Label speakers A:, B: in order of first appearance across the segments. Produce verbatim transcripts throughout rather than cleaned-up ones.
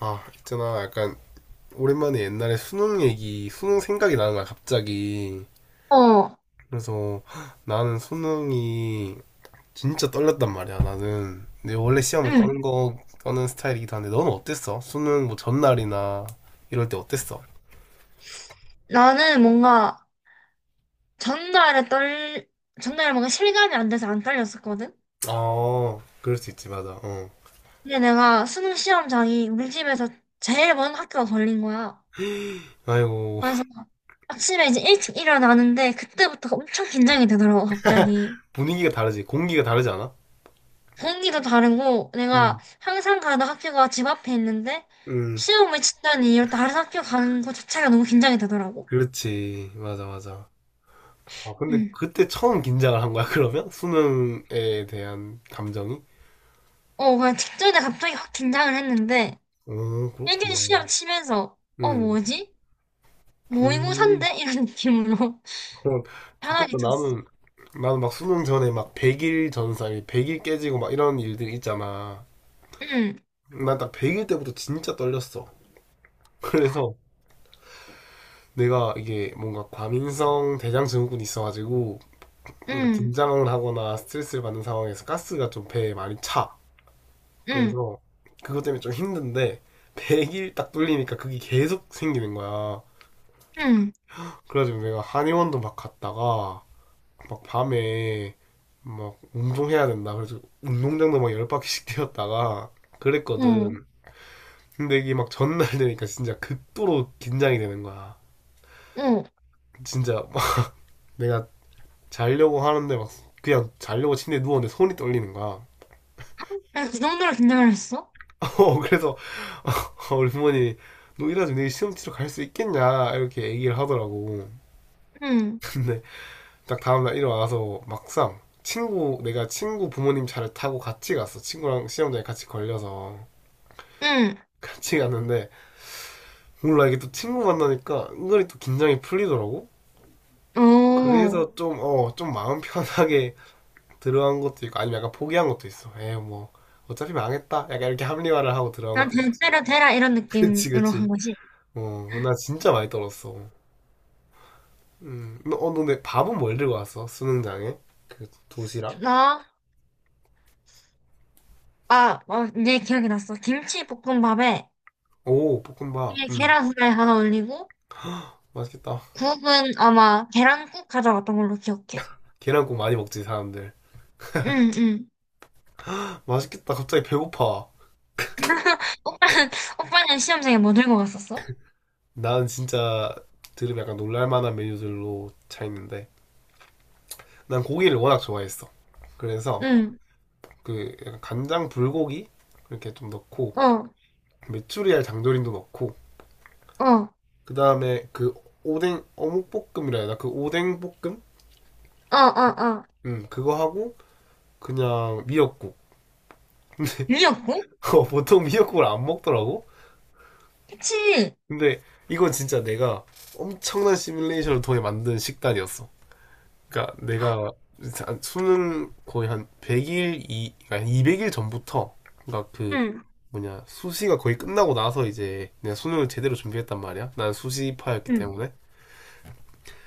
A: 아 있잖아 약간 오랜만에 옛날에 수능 얘기 수능 생각이 나는 거야 갑자기.
B: 어,
A: 그래서 나는 수능이 진짜 떨렸단 말이야. 나는 근데 원래 시험을
B: 응.
A: 떠는 거 떠는 스타일이기도 한데 너는 어땠어? 수능 뭐 전날이나 이럴 때 어땠어?
B: 나는 뭔가 전날에 떨, 전날에 뭔가 실감이 안 돼서 안 떨렸었거든?
A: 아 그럴 수 있지, 맞아. 어,
B: 근데 내가 수능 시험장이 우리 집에서 제일 먼 학교가 걸린 거야.
A: 아이고.
B: 그래서 아침에 이제 일찍 일어나는데 그때부터 엄청 긴장이 되더라고, 갑자기.
A: 분위기가 다르지. 공기가 다르지 않아?
B: 공기도 다르고 내가
A: 음.
B: 항상 가던 학교가 집 앞에 있는데
A: 음.
B: 시험을 친다는 이유로 다른 학교 가는 것 자체가 너무 긴장이 되더라고.
A: 그렇지, 맞아 맞아. 아 근데
B: 응.
A: 그때 처음 긴장을 한 거야? 그러면 수능에 대한 감정이?
B: 어, 그냥 직전에 갑자기 확 긴장을 했는데
A: 어,
B: 일 년
A: 그렇구나.
B: 시험 치면서 어,
A: 음,
B: 뭐지?
A: 음,
B: 모의고사인데? 이런 느낌으로
A: 그럼.
B: 편하게
A: 좋겠다.
B: 쳤어.
A: 나는, 나는 막 수능 전에 막 백 일 전사, 백 일 깨지고 막 이런 일들이 있잖아.
B: 응,
A: 난 딱 백 일 때부터 진짜 떨렸어. 그래서 내가 이게 뭔가 과민성 대장증후군이 있어가지고, 뭔가
B: 응,
A: 긴장을 하거나 스트레스를 받는 상황에서 가스가 좀 배에 많이 차.
B: 응,
A: 그래서 그것 때문에 좀 힘든데, 백 일 딱 뚫리니까 그게 계속 생기는 거야.
B: 응,
A: 그래가지고 내가 한의원도 막 갔다가, 막 밤에 막 운동해야 된다. 그래서 운동장도 막 열 바퀴씩 뛰었다가
B: 어,
A: 그랬거든. 근데 이게 막 전날 되니까 진짜 극도로 긴장이 되는 거야.
B: 어.
A: 진짜 막 내가 자려고 하는데 막 그냥 자려고 침대에 누웠는데 손이 떨리는 거야.
B: 난그 정도로 긴장을 했어?
A: 어, 그래서 우리 부모님이 너 이래가지고 내일 시험 치러 갈 수 있겠냐 이렇게 얘기를 하더라고.
B: 응,
A: 근데 딱 다음날 일어나서 막상 친구 내가 친구 부모님 차를 타고 같이 갔어. 친구랑 시험장에 같이 걸려서.
B: 응,
A: 같이 갔는데 몰라, 이게 또 친구 만나니까 은근히 또 긴장이 풀리더라고.
B: 어.
A: 그래서 좀, 어, 좀 마음 편하게 들어간 것도 있고, 아니면 약간 포기한 것도 있어. 에이 뭐 어차피 망했다. 약간 이렇게 합리화를 하고 들어간
B: 난
A: 것도 있어.
B: 대대로 되라 이런
A: 그치
B: 느낌으로 한
A: 그치.
B: 거지.
A: 어, 나 진짜 많이 떨었어. 음, 너, 어, 너 근데 밥은 뭘 들고 왔어? 수능장에? 그 도시락?
B: 나, 아, 어, 이 기억이 났어. 김치볶음밥에
A: 오, 볶음밥.
B: 위에
A: 음,
B: 계란 후라이 하나 올리고
A: 맛있겠다.
B: 국은 아마 계란국 가져갔던 걸로 기억해.
A: 계란국 많이 먹지 사람들.
B: 응, 응.
A: 맛있겠다. 갑자기 배고파.
B: 오빠는, 오빠는 시험장에 뭐 들고 갔었어?
A: 나는 진짜 들으면 약간 놀랄만한 메뉴들로 차 있는데. 난 고기를 워낙 좋아했어. 그래서
B: 응,
A: 그 약간 간장 불고기 이렇게 좀 넣고,
B: 어,
A: 메추리알 장조림도 넣고,
B: 어, 어,
A: 그 다음에 그 오뎅 어묵볶음이라 해야 되나 그 오뎅 볶음.
B: 어, 어.
A: 음, 그거 하고 그냥 미역국.
B: 미역국?
A: 보통 미역국을 안 먹더라고.
B: 그치.
A: 근데 이건 진짜 내가 엄청난 시뮬레이션을 통해 만든 식단이었어. 그러니까 내가 수능 거의 한 백 일 이 그러니까 한 이백 일 전부터, 그러니까 그
B: 응,
A: 뭐냐 수시가 거의 끝나고 나서 이제 내가 수능을 제대로 준비했단 말이야. 난 수시파였기
B: 응,
A: 때문에.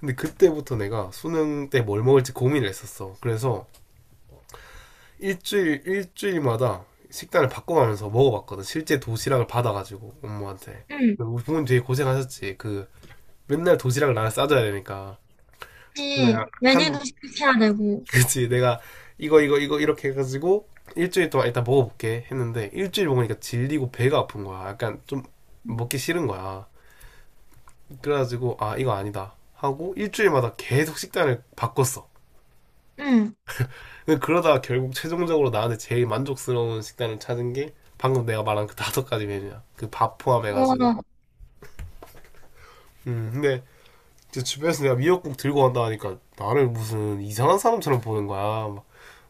A: 근데 그때부터 내가 수능 때 뭘 먹을지 고민을 했었어. 그래서 일주일 일주일마다 식단을 바꿔가면서 먹어봤거든. 실제 도시락을 받아가지고 엄마한테.
B: 응.
A: 우리 부모님 되게 고생하셨지. 그 맨날 도시락을 나를 싸줘야 되니까. 내가
B: 그치. 메뉴도
A: 한
B: 시켜야 되고.
A: 그치, 내가 이거 이거 이거 이렇게 해가지고 일주일 동안 일단 먹어볼게 했는데 일주일 먹으니까 질리고 배가 아픈 거야. 약간 좀 먹기 싫은 거야. 그래가지고 아 이거 아니다 하고 일주일마다 계속 식단을 바꿨어.
B: 응.
A: 그러다가 결국 최종적으로 나한테 제일 만족스러운 식단을 찾은 게 방금 내가 말한 그 다섯 가지 메뉴야. 그 밥 포함해가지고.
B: 와.
A: 음 근데 이제 주변에서 내가 미역국 들고 간다 하니까 나를 무슨 이상한 사람처럼 보는 거야. 막,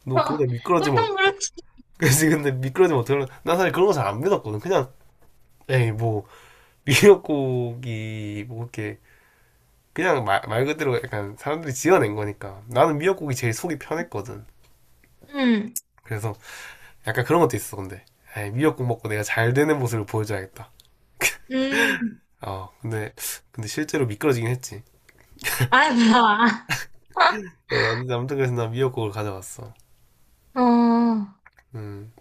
A: 너 그러다 미끄러지면
B: 보통
A: 어-
B: 그렇지.
A: 그래서 근데 미끄러지면 어떡하나, 난 사실 그런 거 잘 안 믿었거든. 그냥 에이 뭐 미역국이 뭐 이렇게 그냥 말, 말 그대로 약간 사람들이 지어낸 거니까. 나는 미역국이 제일 속이 편했거든.
B: 응.
A: 그래서 약간 그런 것도 있어. 근데 에이, 미역국 먹고 내가 잘 되는 모습을 보여줘야겠다.
B: 응.
A: 어 근데, 근데 실제로 미끄러지긴 했지.
B: 아이, 뭐야.
A: 어, 아무튼 아무튼 그래서 난 미역국을 가져왔어.
B: 어.
A: 음.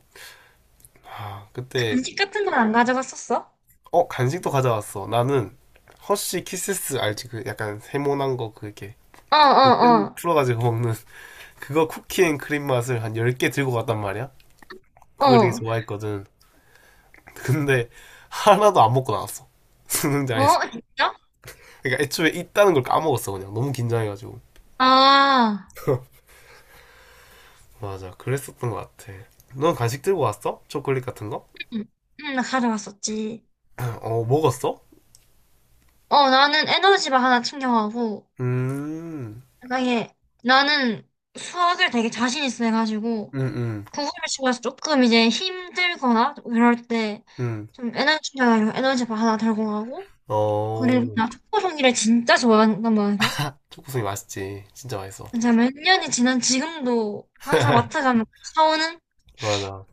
A: 아 그때
B: 간식 같은 건 안 가져갔었어?
A: 어 간식도 가져왔어. 나는 허쉬 키세스 알지? 그 약간 세모난 거, 그게
B: 어,
A: 뼈
B: 어,
A: 풀어가지고 먹는 그거 쿠키앤 크림 맛을 한 열 개 들고 갔단 말이야.
B: 어.
A: 그걸 되게
B: 어.
A: 좋아했거든. 근데 하나도 안 먹고 나왔어. 수능장에서.
B: 어, 진짜?
A: 그러니까 애초에 있다는 걸 까먹었어 그냥. 너무 긴장해가지고.
B: 아.
A: 맞아. 그랬었던 것 같아. 넌 간식 들고 왔어? 초콜릿 같은 거?
B: 응, 응, 나 가져갔었지.
A: 어, 먹었어?
B: 어, 나는 에너지바 하나 챙겨가고,
A: 음,
B: 만약에 나는 수학을 되게 자신 있어 해가지고,
A: 음, 음,
B: 선생님 집에서 조금 이제 힘들거나 이럴 때
A: 음.
B: 좀 에너지가 이런 에너지바 하나 들고 가고
A: 어,
B: 그리고 나 초코 종이를 진짜 좋아한단 말이야.
A: 초코송이 맛있지. 진짜 맛있어.
B: 정말 일 년이 지난 지금도 항상 마트 가면 사오는,
A: 맞아.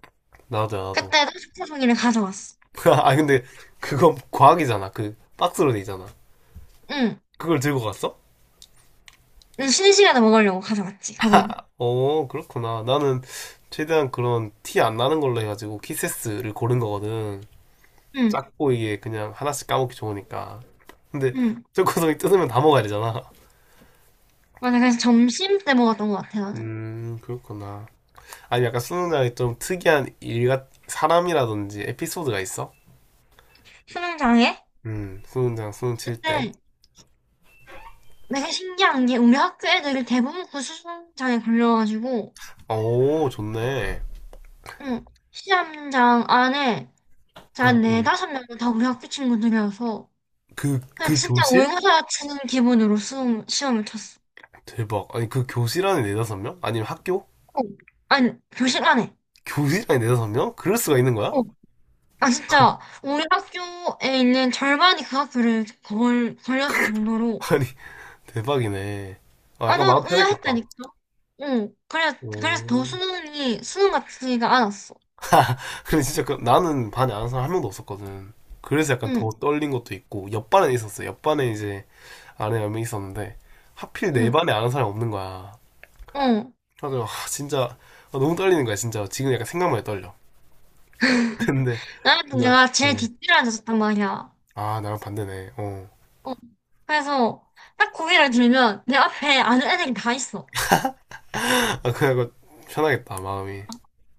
A: 나도 나도.
B: 그때도 초코 종이를 가져왔어.
A: 아, 근데 그건 과학이잖아. 그 박스로 돼 있잖아.
B: 응.
A: 그걸 들고 갔어?
B: 근데 쉬는 시간에 먹으려고 가져왔지 그거는.
A: 어, 그렇구나. 나는 최대한 그런 티 안 나는 걸로 해가지고 키세스를 고른 거거든.
B: 응.
A: 작고 이게 그냥 하나씩 까먹기 좋으니까. 근데
B: 응.
A: 초코송이 뜯으면 다 먹어야 되잖아.
B: 맞아, 그래서 점심 때 먹었던 것 같아 나는.
A: 음, 그렇구나. 아니, 약간 수능장이 좀 특이한 일같, 사람이라든지 에피소드가 있어?
B: 수능장애?
A: 음, 수능장, 수능 칠 때.
B: 근데 내가 신기한 게 우리 학교 애들이 대부분 그 수능장애 걸려가지고,
A: 오, 좋네.
B: 응, 시험장 안에
A: 응,
B: 한
A: 응.
B: 네다섯 명은 다 우리 학교 친구들이어서
A: 그,
B: 그냥
A: 그
B: 진짜
A: 교실?
B: 모의고사 치는 기분으로 수험, 시험을 쳤어.
A: 대박. 아니, 그 교실 안에 네다섯 명? 아니면 학교?
B: 어, 아니, 교실 안에.
A: 교실 안에 네다섯 명? 그럴 수가 있는 거야?
B: 어. 아, 진짜 우리 학교에 있는 절반이 그 학교를 걸, 걸렸을 정도로.
A: 아니, 대박이네. 아,
B: 아,
A: 약간
B: 난
A: 마음 편했겠다.
B: 의아했다니까. 응, 그래,
A: 오.
B: 그래서 더 수능이 수능 같지가 않았어.
A: 근데 진짜 그, 나는 반에 아는 사람 한 명도 없었거든. 그래서 약간 더
B: 응,
A: 떨린 것도 있고, 옆반에 있었어. 옆반에 이제 아는 몇 명 있었는데 하필 내
B: 응,
A: 반에 아는 사람이 없는 거야.
B: 응.
A: 그래서 아, 진짜 아, 너무 떨리는 거야 진짜. 지금 약간 생각만 해도 떨려. 근데
B: 나는
A: 나,
B: 내가 제일
A: 어.
B: 뒷줄에 앉았단 말이야.
A: 아 나랑 반대네. 어.
B: 어, 그래서 딱 고개를 들면 내 앞에 아는 애들이 다 있어.
A: 아 그래갖고 편하겠다 마음이.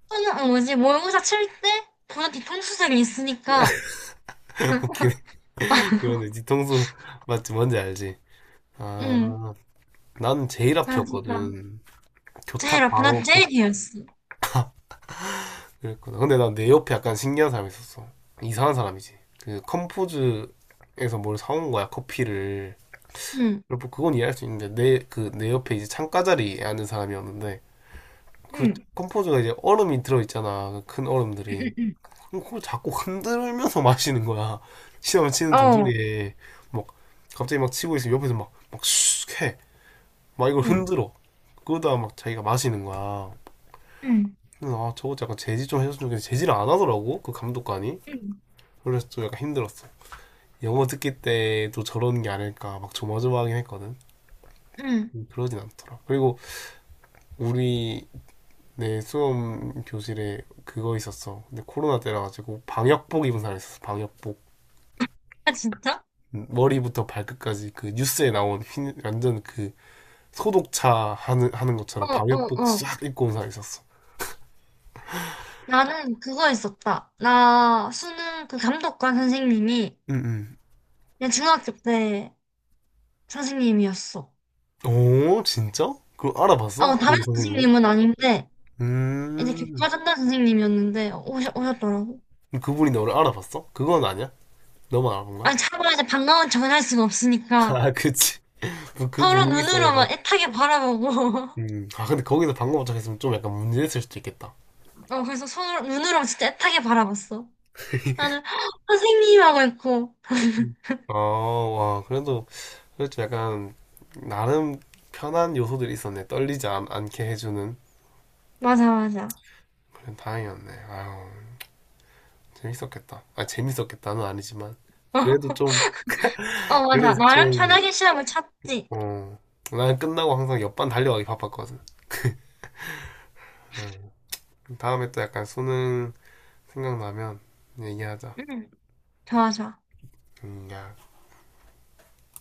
B: 또는 어, 뭐지, 모의고사 칠 때 보다 뒤통수색이 있으니까.
A: 웃기네. 이거는 뒤통수 맞지 뭔지 알지.
B: 응,
A: 아 나는 제일
B: 나 진짜
A: 앞이었거든.
B: 제일
A: 교탁
B: 아파. 나
A: 바로
B: 제일
A: 교
B: 뒤였어.
A: 그랬거든. 근데 난 내 옆에 약간 신기한 사람이 있었어. 이상한 사람이지. 그 컴포즈에서 뭘 사온 거야 커피를.
B: 응,
A: 그리고 뭐 그건 이해할 수 있는데 내 그 내 옆에 이제 창가 자리에 앉은 사람이었는데, 그
B: 응,
A: 컴포즈가 이제 얼음이 들어 있잖아 큰 얼음들이.
B: 응, 응,
A: 그럼 그걸 자꾸 흔들면서 마시는 거야. 시험을 치는
B: 응. 어,
A: 도중에 막 갑자기 막 치고 있으면 옆에서 막막슉해막 이걸
B: 응,
A: 흔들어. 그러다가 막 자기가 마시는 거야.
B: 응,
A: 그래서 아 저거 약간 제지 좀 해줬으면 좋겠는데 제지를 안 하더라고 그 감독관이.
B: 응,
A: 그래서 좀 약간 힘들었어. 영어 듣기 때도 저런 게 아닐까 막 조마조마하긴 했거든.
B: 응.
A: 음, 그러진 않더라. 그리고 우리 내 수험 교실에 그거 있었어. 근데 코로나 때라가지고 방역복 입은 사람 있었어. 방역복.
B: 아, 진짜?
A: 음, 머리부터 발끝까지 그 뉴스에 나온 흰, 완전 그 소독차 하는, 하는
B: 어,
A: 것처럼
B: 어,
A: 방역복
B: 어.
A: 싹 입고 온 사람 있었어.
B: 나는 그거 있었다. 나 수능 그 감독관 선생님이
A: 응,
B: 그냥 중학교 때 선생님이었어.
A: 응. 오, 진짜? 그걸 알아봤어?
B: 어, 담임
A: 그 선생님이?
B: 선생님은 아닌데, 이제
A: 음.
B: 교과 전담 선생님이었는데, 오셨, 오셨더라고.
A: 그 그분이 너를 알아봤어? 그건 아니야? 너만 알아본 거야?
B: 아니, 차마 이제 반가운 척은 할 수가 없으니까.
A: 아, 그치. 그, 그
B: 서로
A: 분위기 속에서.
B: 눈으로만 애타게 바라보고.
A: 음. 아, 근데 거기서 방금 도착했으면 좀 약간 문제 됐을 수도 있겠다.
B: 어, 그래서 서로 눈으로 진짜 애타게 바라봤어. 나는 선생님, 하고 있고.
A: 아, 와, 그래도 그렇죠. 약간 나름 편한 요소들이 있었네. 떨리지 않, 않게 해주는
B: 맞아, 맞아.
A: 그런. 다행이었네. 아유 재밌었겠다. 아 재밌었겠다는 아니지만 그래도 좀,
B: 어,
A: 그래도
B: 맞아, 나름
A: 좀
B: 편하게 시험을 쳤지.
A: 어. 난 끝나고 항상 옆반 달려가기 바빴거든. 음. 다음에 또 약간 수능 생각나면 얘기하자.
B: 응. 좋아, 좋아.
A: 음, 야.